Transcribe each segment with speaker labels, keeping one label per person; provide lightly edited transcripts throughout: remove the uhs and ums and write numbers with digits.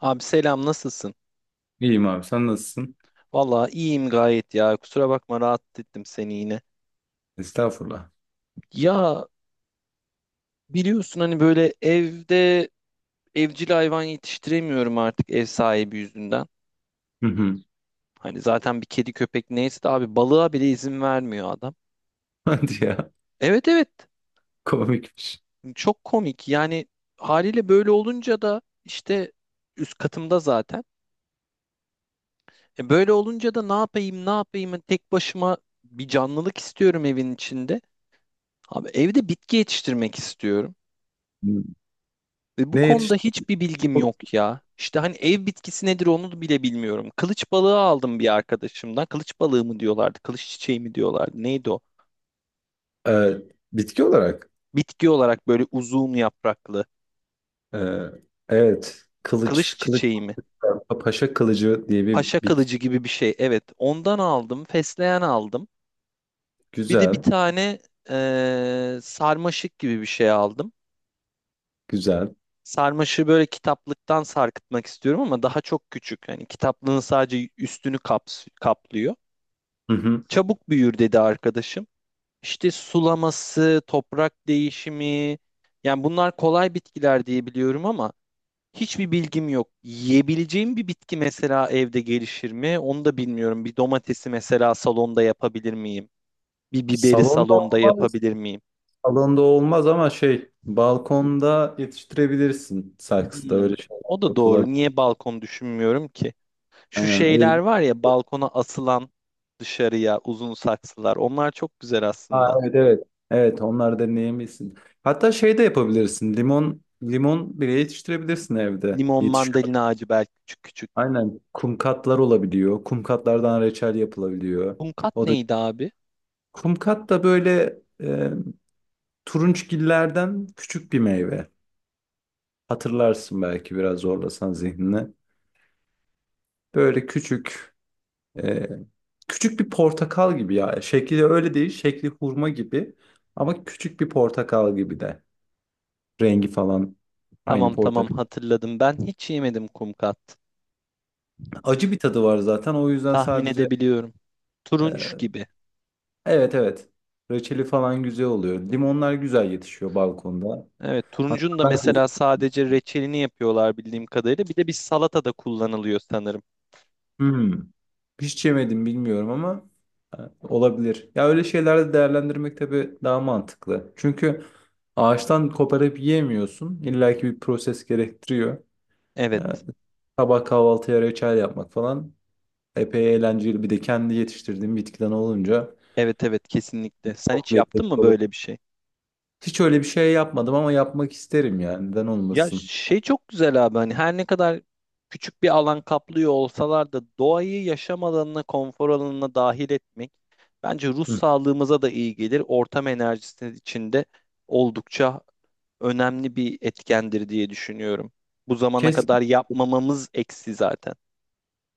Speaker 1: Abi selam, nasılsın?
Speaker 2: İyiyim abi sen nasılsın?
Speaker 1: Vallahi iyiyim gayet ya. Kusura bakma, rahatsız ettim seni yine.
Speaker 2: Estağfurullah.
Speaker 1: Ya, biliyorsun hani böyle evde evcil hayvan yetiştiremiyorum artık ev sahibi yüzünden.
Speaker 2: Hı hı.
Speaker 1: Hani zaten bir kedi köpek neyse de abi balığa bile izin vermiyor adam.
Speaker 2: Hadi ya
Speaker 1: Evet, evet,
Speaker 2: komikmiş.
Speaker 1: çok komik yani. Haliyle böyle olunca da işte üst katımda zaten. E, böyle olunca da ne yapayım ne yapayım, hani tek başıma bir canlılık istiyorum evin içinde. Abi, evde bitki yetiştirmek istiyorum.
Speaker 2: Hı.
Speaker 1: Ve bu
Speaker 2: Ne
Speaker 1: konuda
Speaker 2: yetişti?
Speaker 1: hiçbir bilgim yok ya. İşte hani ev bitkisi nedir onu bile bilmiyorum. Kılıç balığı aldım bir arkadaşımdan. Kılıç balığı mı diyorlardı, kılıç çiçeği mi diyorlardı, neydi o?
Speaker 2: Ee, bitki olarak.
Speaker 1: Bitki olarak böyle uzun yapraklı.
Speaker 2: ee, evet kılıç
Speaker 1: Kılıç
Speaker 2: kılıç
Speaker 1: çiçeği mi?
Speaker 2: paşa kılıcı diye bir
Speaker 1: Paşa
Speaker 2: bitki.
Speaker 1: kılıcı gibi bir şey. Evet, ondan aldım. Fesleğen aldım. Bir de bir
Speaker 2: Güzel
Speaker 1: tane sarmaşık gibi bir şey aldım.
Speaker 2: güzel.
Speaker 1: Sarmaşığı böyle kitaplıktan sarkıtmak istiyorum ama daha çok küçük. Yani kitaplığın sadece üstünü kaplıyor.
Speaker 2: Hı hı.
Speaker 1: Çabuk büyür dedi arkadaşım. İşte sulaması, toprak değişimi, yani bunlar kolay bitkiler diye biliyorum ama hiçbir bilgim yok. Yiyebileceğim bir bitki mesela evde gelişir mi? Onu da bilmiyorum. Bir domatesi mesela salonda yapabilir miyim? Bir biberi
Speaker 2: Salonda
Speaker 1: salonda
Speaker 2: olmaz,
Speaker 1: yapabilir miyim?
Speaker 2: salonda olmaz ama şey balkonda yetiştirebilirsin. Saksıda
Speaker 1: Hmm.
Speaker 2: öyle şeyler
Speaker 1: O da doğru.
Speaker 2: yapılabilir.
Speaker 1: Niye balkon düşünmüyorum ki? Şu
Speaker 2: Aynen ev,
Speaker 1: şeyler var ya, balkona asılan dışarıya uzun saksılar. Onlar çok güzel
Speaker 2: Aa,
Speaker 1: aslında.
Speaker 2: evet evet. Evet onlar deneyebilirsin. Hatta şey de yapabilirsin. Limon bile yetiştirebilirsin evde.
Speaker 1: Limon,
Speaker 2: Yetişiyor.
Speaker 1: mandalina ağacı belki, küçük küçük.
Speaker 2: Aynen. Kumkatlar olabiliyor. Kumkatlardan reçel yapılabiliyor.
Speaker 1: Hunkat
Speaker 2: O da
Speaker 1: neydi abi?
Speaker 2: kumkat da böyle turunçgillerden küçük bir meyve. Hatırlarsın belki biraz zorlasan zihnini. Böyle küçük e, küçük bir portakal gibi ya. Şekli öyle değil. Şekli hurma gibi ama küçük bir portakal gibi de. Rengi falan aynı
Speaker 1: Tamam, tamam,
Speaker 2: portakal.
Speaker 1: hatırladım. Ben hiç yemedim kumkat.
Speaker 2: Acı bir tadı var zaten. O yüzden
Speaker 1: Tahmin
Speaker 2: sadece
Speaker 1: edebiliyorum. Turunç
Speaker 2: e,
Speaker 1: gibi.
Speaker 2: evet evet. Reçeli falan güzel oluyor. Limonlar güzel yetişiyor balkonda.
Speaker 1: Evet,
Speaker 2: Hatta
Speaker 1: turuncun da
Speaker 2: ben de
Speaker 1: mesela sadece reçelini yapıyorlar bildiğim kadarıyla. Bir de bir salata da kullanılıyor sanırım.
Speaker 2: hmm, hiç yemedim bilmiyorum ama e, olabilir. Ya öyle şeylerde değerlendirmek tabii daha mantıklı. Çünkü ağaçtan koparıp yiyemiyorsun. İlla ki bir proses gerektiriyor. E,
Speaker 1: Evet.
Speaker 2: sabah kahvaltıya reçel yapmak falan epey eğlenceli. Bir de kendi yetiştirdiğim bitkiden olunca
Speaker 1: Evet, evet, kesinlikle. Sen
Speaker 2: çok
Speaker 1: hiç
Speaker 2: lezzetli
Speaker 1: yaptın mı
Speaker 2: oluyor.
Speaker 1: böyle bir şey?
Speaker 2: Hiç öyle bir şey yapmadım ama yapmak isterim yani. Neden
Speaker 1: Ya
Speaker 2: olmasın?
Speaker 1: şey, çok güzel abi, hani her ne kadar küçük bir alan kaplıyor olsalar da doğayı yaşam alanına, konfor alanına dahil etmek bence ruh
Speaker 2: Hı.
Speaker 1: sağlığımıza da iyi gelir. Ortam enerjisi içinde oldukça önemli bir etkendir diye düşünüyorum. Bu zamana
Speaker 2: Kes,
Speaker 1: kadar yapmamamız eksi zaten.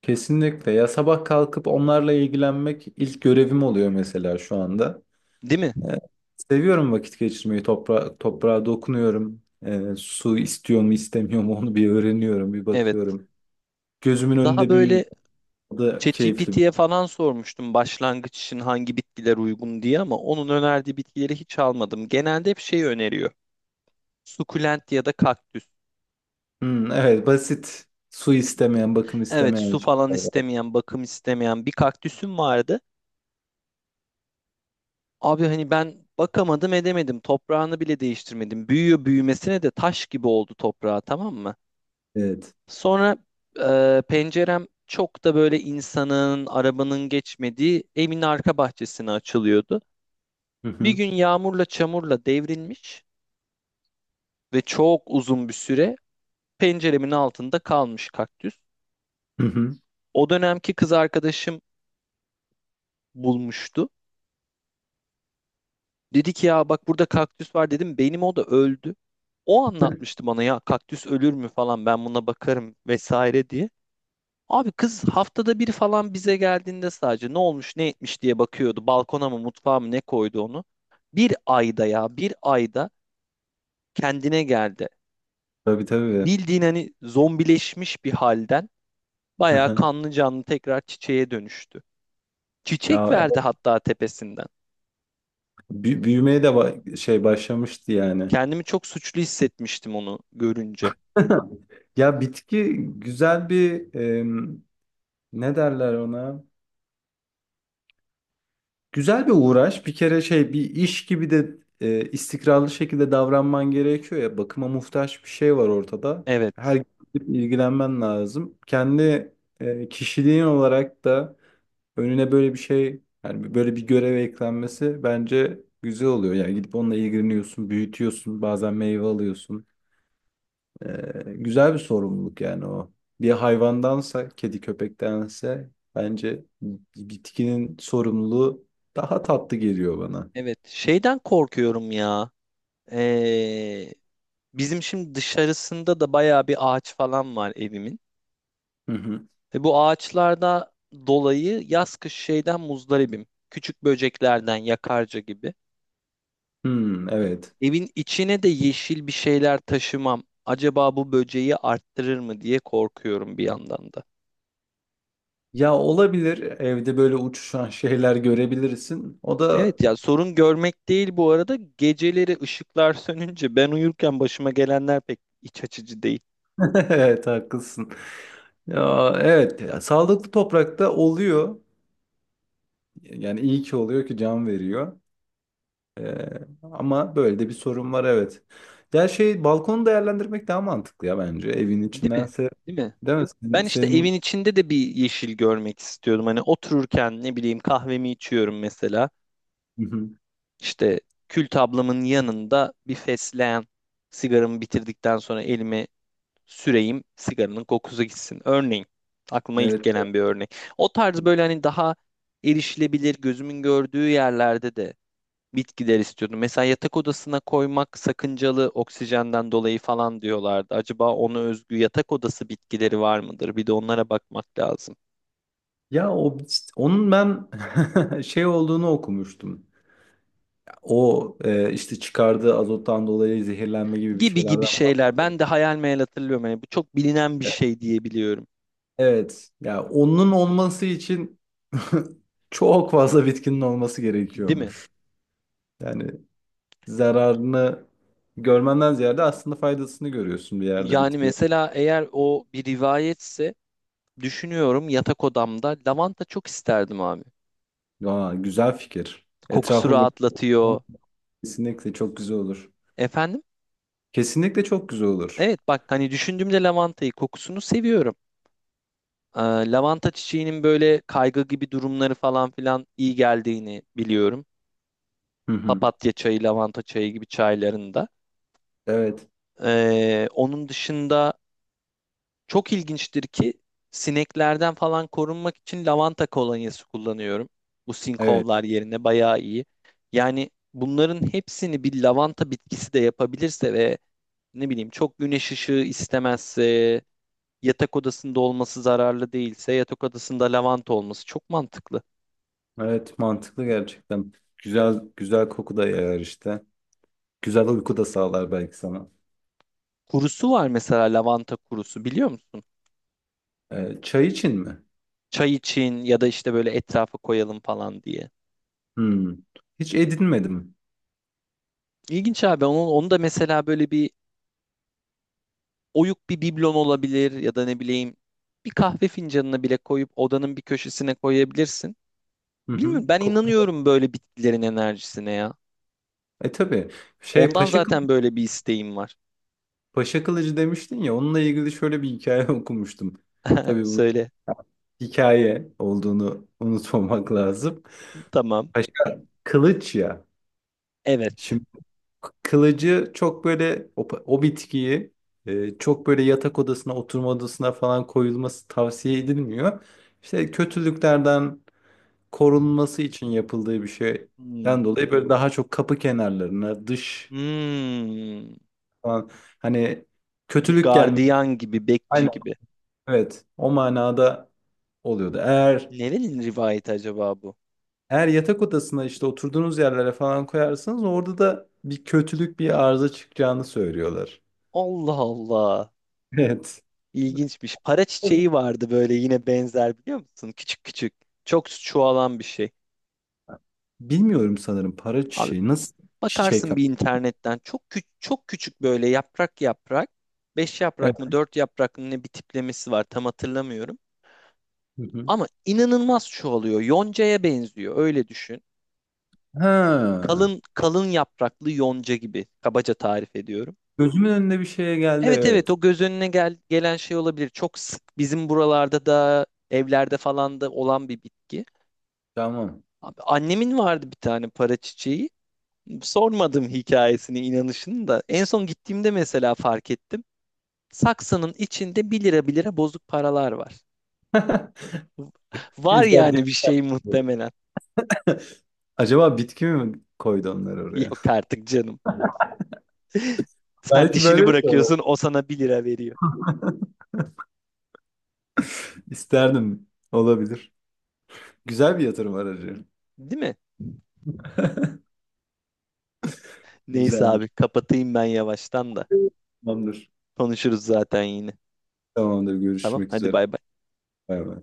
Speaker 2: kesinlikle. Ya sabah kalkıp onlarla ilgilenmek ilk görevim oluyor mesela şu anda.
Speaker 1: Değil mi?
Speaker 2: Ee, seviyorum vakit geçirmeyi. Toprağa dokunuyorum. Su istiyor mu istemiyor mu onu bir öğreniyorum, bir
Speaker 1: Evet.
Speaker 2: bakıyorum. Gözümün
Speaker 1: Daha
Speaker 2: önünde büyüyor.
Speaker 1: böyle
Speaker 2: O da keyifli.
Speaker 1: ChatGPT'ye falan sormuştum başlangıç için hangi bitkiler uygun diye, ama onun önerdiği bitkileri hiç almadım. Genelde hep şey öneriyor: sukulent ya da kaktüs.
Speaker 2: Hmm, evet basit. Su istemeyen, bakım
Speaker 1: Evet,
Speaker 2: istemeyen
Speaker 1: su falan
Speaker 2: şeyler.
Speaker 1: istemeyen, bakım istemeyen bir kaktüsüm vardı. Abi, hani ben bakamadım edemedim. Toprağını bile değiştirmedim. Büyüyor büyümesine de taş gibi oldu toprağı, tamam mı?
Speaker 2: Evet.
Speaker 1: Sonra pencerem çok da böyle insanın, arabanın geçmediği evin arka bahçesine açılıyordu.
Speaker 2: Hı
Speaker 1: Bir
Speaker 2: hı.
Speaker 1: gün yağmurla çamurla devrilmiş ve çok uzun bir süre penceremin altında kalmış kaktüs.
Speaker 2: Hı hı.
Speaker 1: O dönemki kız arkadaşım bulmuştu. Dedi ki ya bak burada kaktüs var, dedim benim o da öldü. O anlatmıştı bana ya kaktüs ölür mü falan, ben buna bakarım vesaire diye. Abi kız haftada bir falan bize geldiğinde sadece ne olmuş ne etmiş diye bakıyordu. Balkona mı, mutfağa mı, ne koydu onu. Bir ayda, ya bir ayda kendine geldi.
Speaker 2: Tabii tabii.
Speaker 1: Bildiğin hani zombileşmiş bir halden bayağı kanlı canlı tekrar çiçeğe dönüştü.
Speaker 2: Ya
Speaker 1: Çiçek verdi hatta tepesinden.
Speaker 2: Büyümeye de şey başlamıştı yani.
Speaker 1: Kendimi çok suçlu hissetmiştim onu görünce.
Speaker 2: Ya bitki güzel bir em, ne derler ona? Güzel bir uğraş. Bir kere şey bir iş gibi de istikrarlı şekilde davranman gerekiyor ya. Bakıma muhtaç bir şey var ortada. Her
Speaker 1: Evet.
Speaker 2: gün gidip ilgilenmen lazım. Kendi kişiliğin olarak da önüne böyle bir şey yani böyle bir görev eklenmesi bence güzel oluyor. Yani gidip onunla ilgileniyorsun, büyütüyorsun, bazen meyve alıyorsun. Güzel bir sorumluluk yani o. Bir hayvandansa, kedi köpektense bence bitkinin sorumluluğu daha tatlı geliyor bana.
Speaker 1: Evet. Şeyden korkuyorum ya. Ee, bizim şimdi dışarısında da bayağı bir ağaç falan var evimin.
Speaker 2: Hı hı.
Speaker 1: Ve bu ağaçlarda dolayı yaz kış şeyden muzdaribim. Küçük böceklerden, yakarca gibi.
Speaker 2: Hmm, evet.
Speaker 1: Evin içine de yeşil bir şeyler taşımam. Acaba bu böceği arttırır mı diye korkuyorum bir yandan da.
Speaker 2: Ya olabilir. Evde böyle uçuşan şeyler görebilirsin. O da
Speaker 1: Evet ya, sorun görmek değil bu arada. Geceleri ışıklar sönünce ben uyurken başıma gelenler pek iç açıcı değil.
Speaker 2: evet haklısın. Ya evet ya, sağlıklı toprakta oluyor. Yani iyi ki oluyor ki can veriyor. Ee, ama böyle de bir sorun var evet. Ya şey balkonu değerlendirmek daha mantıklı ya bence evin
Speaker 1: Değil mi?
Speaker 2: içindense
Speaker 1: Değil mi?
Speaker 2: değil mi?
Speaker 1: Ben işte
Speaker 2: Senin...
Speaker 1: evin içinde de bir yeşil görmek istiyordum. Hani otururken, ne bileyim, kahvemi içiyorum mesela.
Speaker 2: Hı hı.
Speaker 1: İşte kül tablamın yanında bir fesleğen, sigaramı bitirdikten sonra elime süreyim, sigaranın kokusu gitsin. Örneğin, aklıma ilk
Speaker 2: Evet. Evet.
Speaker 1: gelen bir örnek. O tarz böyle, hani daha erişilebilir, gözümün gördüğü yerlerde de bitkiler istiyordum. Mesela yatak odasına koymak sakıncalı, oksijenden dolayı falan diyorlardı. Acaba ona özgü yatak odası bitkileri var mıdır? Bir de onlara bakmak lazım.
Speaker 2: Ya o işte onun ben şey olduğunu okumuştum. O işte çıkardığı azottan dolayı zehirlenme gibi bir
Speaker 1: Gibi gibi
Speaker 2: şeylerden.
Speaker 1: şeyler. Ben de hayal meyal hatırlıyorum. Yani bu çok bilinen bir şey diyebiliyorum.
Speaker 2: Evet. Ya onun olması için çok fazla bitkinin olması
Speaker 1: Değil mi?
Speaker 2: gerekiyormuş. Yani zararını görmenden ziyade aslında faydasını görüyorsun bir yerde
Speaker 1: Yani
Speaker 2: bitki.
Speaker 1: mesela eğer o bir rivayetse, düşünüyorum, yatak odamda lavanta çok isterdim abi.
Speaker 2: Aa, güzel fikir.
Speaker 1: Kokusu
Speaker 2: Etrafı böyle
Speaker 1: rahatlatıyor.
Speaker 2: kesinlikle çok güzel olur.
Speaker 1: Efendim?
Speaker 2: Kesinlikle çok güzel olur.
Speaker 1: Evet, bak, hani düşündüğümde lavantayı, kokusunu seviyorum. Ee, lavanta çiçeğinin böyle kaygı gibi durumları falan filan iyi geldiğini biliyorum.
Speaker 2: Hı hı.
Speaker 1: Papatya çayı, lavanta çayı gibi çaylarında.
Speaker 2: Evet.
Speaker 1: Onun dışında, çok ilginçtir ki, sineklerden falan korunmak için lavanta kolonyası kullanıyorum. Bu
Speaker 2: Evet.
Speaker 1: sinkovlar yerine bayağı iyi. Yani bunların hepsini bir lavanta bitkisi de yapabilirse ve ne bileyim çok güneş ışığı istemezse, yatak odasında olması zararlı değilse, yatak odasında lavanta olması çok mantıklı.
Speaker 2: Evet, mantıklı gerçekten. Güzel güzel koku da yayar işte. Güzel uyku da sağlar belki sana.
Speaker 1: Kurusu var mesela, lavanta kurusu, biliyor musun?
Speaker 2: Çay için mi?
Speaker 1: Çay için, ya da işte böyle etrafa koyalım falan diye.
Speaker 2: Hmm. Hiç edinmedim.
Speaker 1: İlginç abi, onu, onu da mesela böyle bir oyuk bir biblon olabilir, ya da ne bileyim bir kahve fincanına bile koyup odanın bir köşesine koyabilirsin.
Speaker 2: Hı hı.
Speaker 1: Bilmiyorum, ben
Speaker 2: Koku.
Speaker 1: inanıyorum böyle bitkilerin enerjisine ya.
Speaker 2: E tabii. Şey
Speaker 1: Ondan
Speaker 2: Paşa, Kıl-
Speaker 1: zaten böyle bir isteğim var.
Speaker 2: Paşa Kılıcı demiştin ya onunla ilgili şöyle bir hikaye okumuştum. Tabii bu
Speaker 1: Söyle.
Speaker 2: hikaye olduğunu unutmamak lazım.
Speaker 1: Tamam.
Speaker 2: Paşa Kılıç ya.
Speaker 1: Evet.
Speaker 2: Şimdi kılıcı çok böyle o bitkiyi çok böyle yatak odasına, oturma odasına falan koyulması tavsiye edilmiyor. İşte kötülüklerden korunması için yapıldığı bir
Speaker 1: Hmm.
Speaker 2: şeyden dolayı böyle daha çok kapı kenarlarına, dış
Speaker 1: Hmm.
Speaker 2: falan hani
Speaker 1: Bir
Speaker 2: kötülük gelmesi.
Speaker 1: gardiyan gibi, bekçi
Speaker 2: Aynen
Speaker 1: gibi.
Speaker 2: evet o manada oluyordu.
Speaker 1: Nerenin rivayeti acaba bu?
Speaker 2: Eğer yatak odasına işte oturduğunuz yerlere falan koyarsanız orada da bir kötülük bir arıza çıkacağını söylüyorlar.
Speaker 1: Allah Allah. İlginçmiş. Para
Speaker 2: Evet.
Speaker 1: çiçeği vardı böyle, yine benzer, biliyor musun? Küçük küçük. Çok çoğalan bir şey.
Speaker 2: Bilmiyorum sanırım para
Speaker 1: Abi,
Speaker 2: çiçeği. Nasıl çiçek
Speaker 1: bakarsın
Speaker 2: ama?
Speaker 1: bir internetten, çok küçük çok küçük, böyle yaprak yaprak, beş
Speaker 2: Evet.
Speaker 1: yaprak mı, dört yaprak mı ne, bir tiplemesi var, tam hatırlamıyorum.
Speaker 2: Hı hı.
Speaker 1: Ama inanılmaz çoğalıyor. Yonca'ya benziyor, öyle düşün.
Speaker 2: Ha.
Speaker 1: Kalın kalın yapraklı yonca gibi, kabaca tarif ediyorum.
Speaker 2: Gözümün önüne bir şeye geldi
Speaker 1: Evet, evet,
Speaker 2: evet.
Speaker 1: o göz önüne gelen şey olabilir. Çok sık bizim buralarda da, evlerde falan da olan bir bitki.
Speaker 2: Tamam.
Speaker 1: Abi, annemin vardı bir tane para çiçeği. Sormadım hikayesini, inanışını da. En son gittiğimde mesela fark ettim. Saksının içinde bir lira bir lira bozuk paralar var. Var
Speaker 2: Güzel değil
Speaker 1: yani bir şey
Speaker 2: mi?
Speaker 1: muhtemelen.
Speaker 2: Acaba bitki mi koydu onları oraya?
Speaker 1: Yok artık canım. Sen
Speaker 2: Belki
Speaker 1: dişini
Speaker 2: böyle mi koydu?
Speaker 1: bırakıyorsun, o sana bir lira veriyor.
Speaker 2: İsterdim. Olabilir. Güzel bir yatırım aracı.
Speaker 1: Değil mi? Neyse abi,
Speaker 2: Güzelmiş.
Speaker 1: kapatayım ben yavaştan da.
Speaker 2: Tamamdır.
Speaker 1: Konuşuruz zaten yine.
Speaker 2: Tamamdır.
Speaker 1: Tamam,
Speaker 2: Görüşmek
Speaker 1: hadi
Speaker 2: üzere.
Speaker 1: bay bay.
Speaker 2: Bay bay.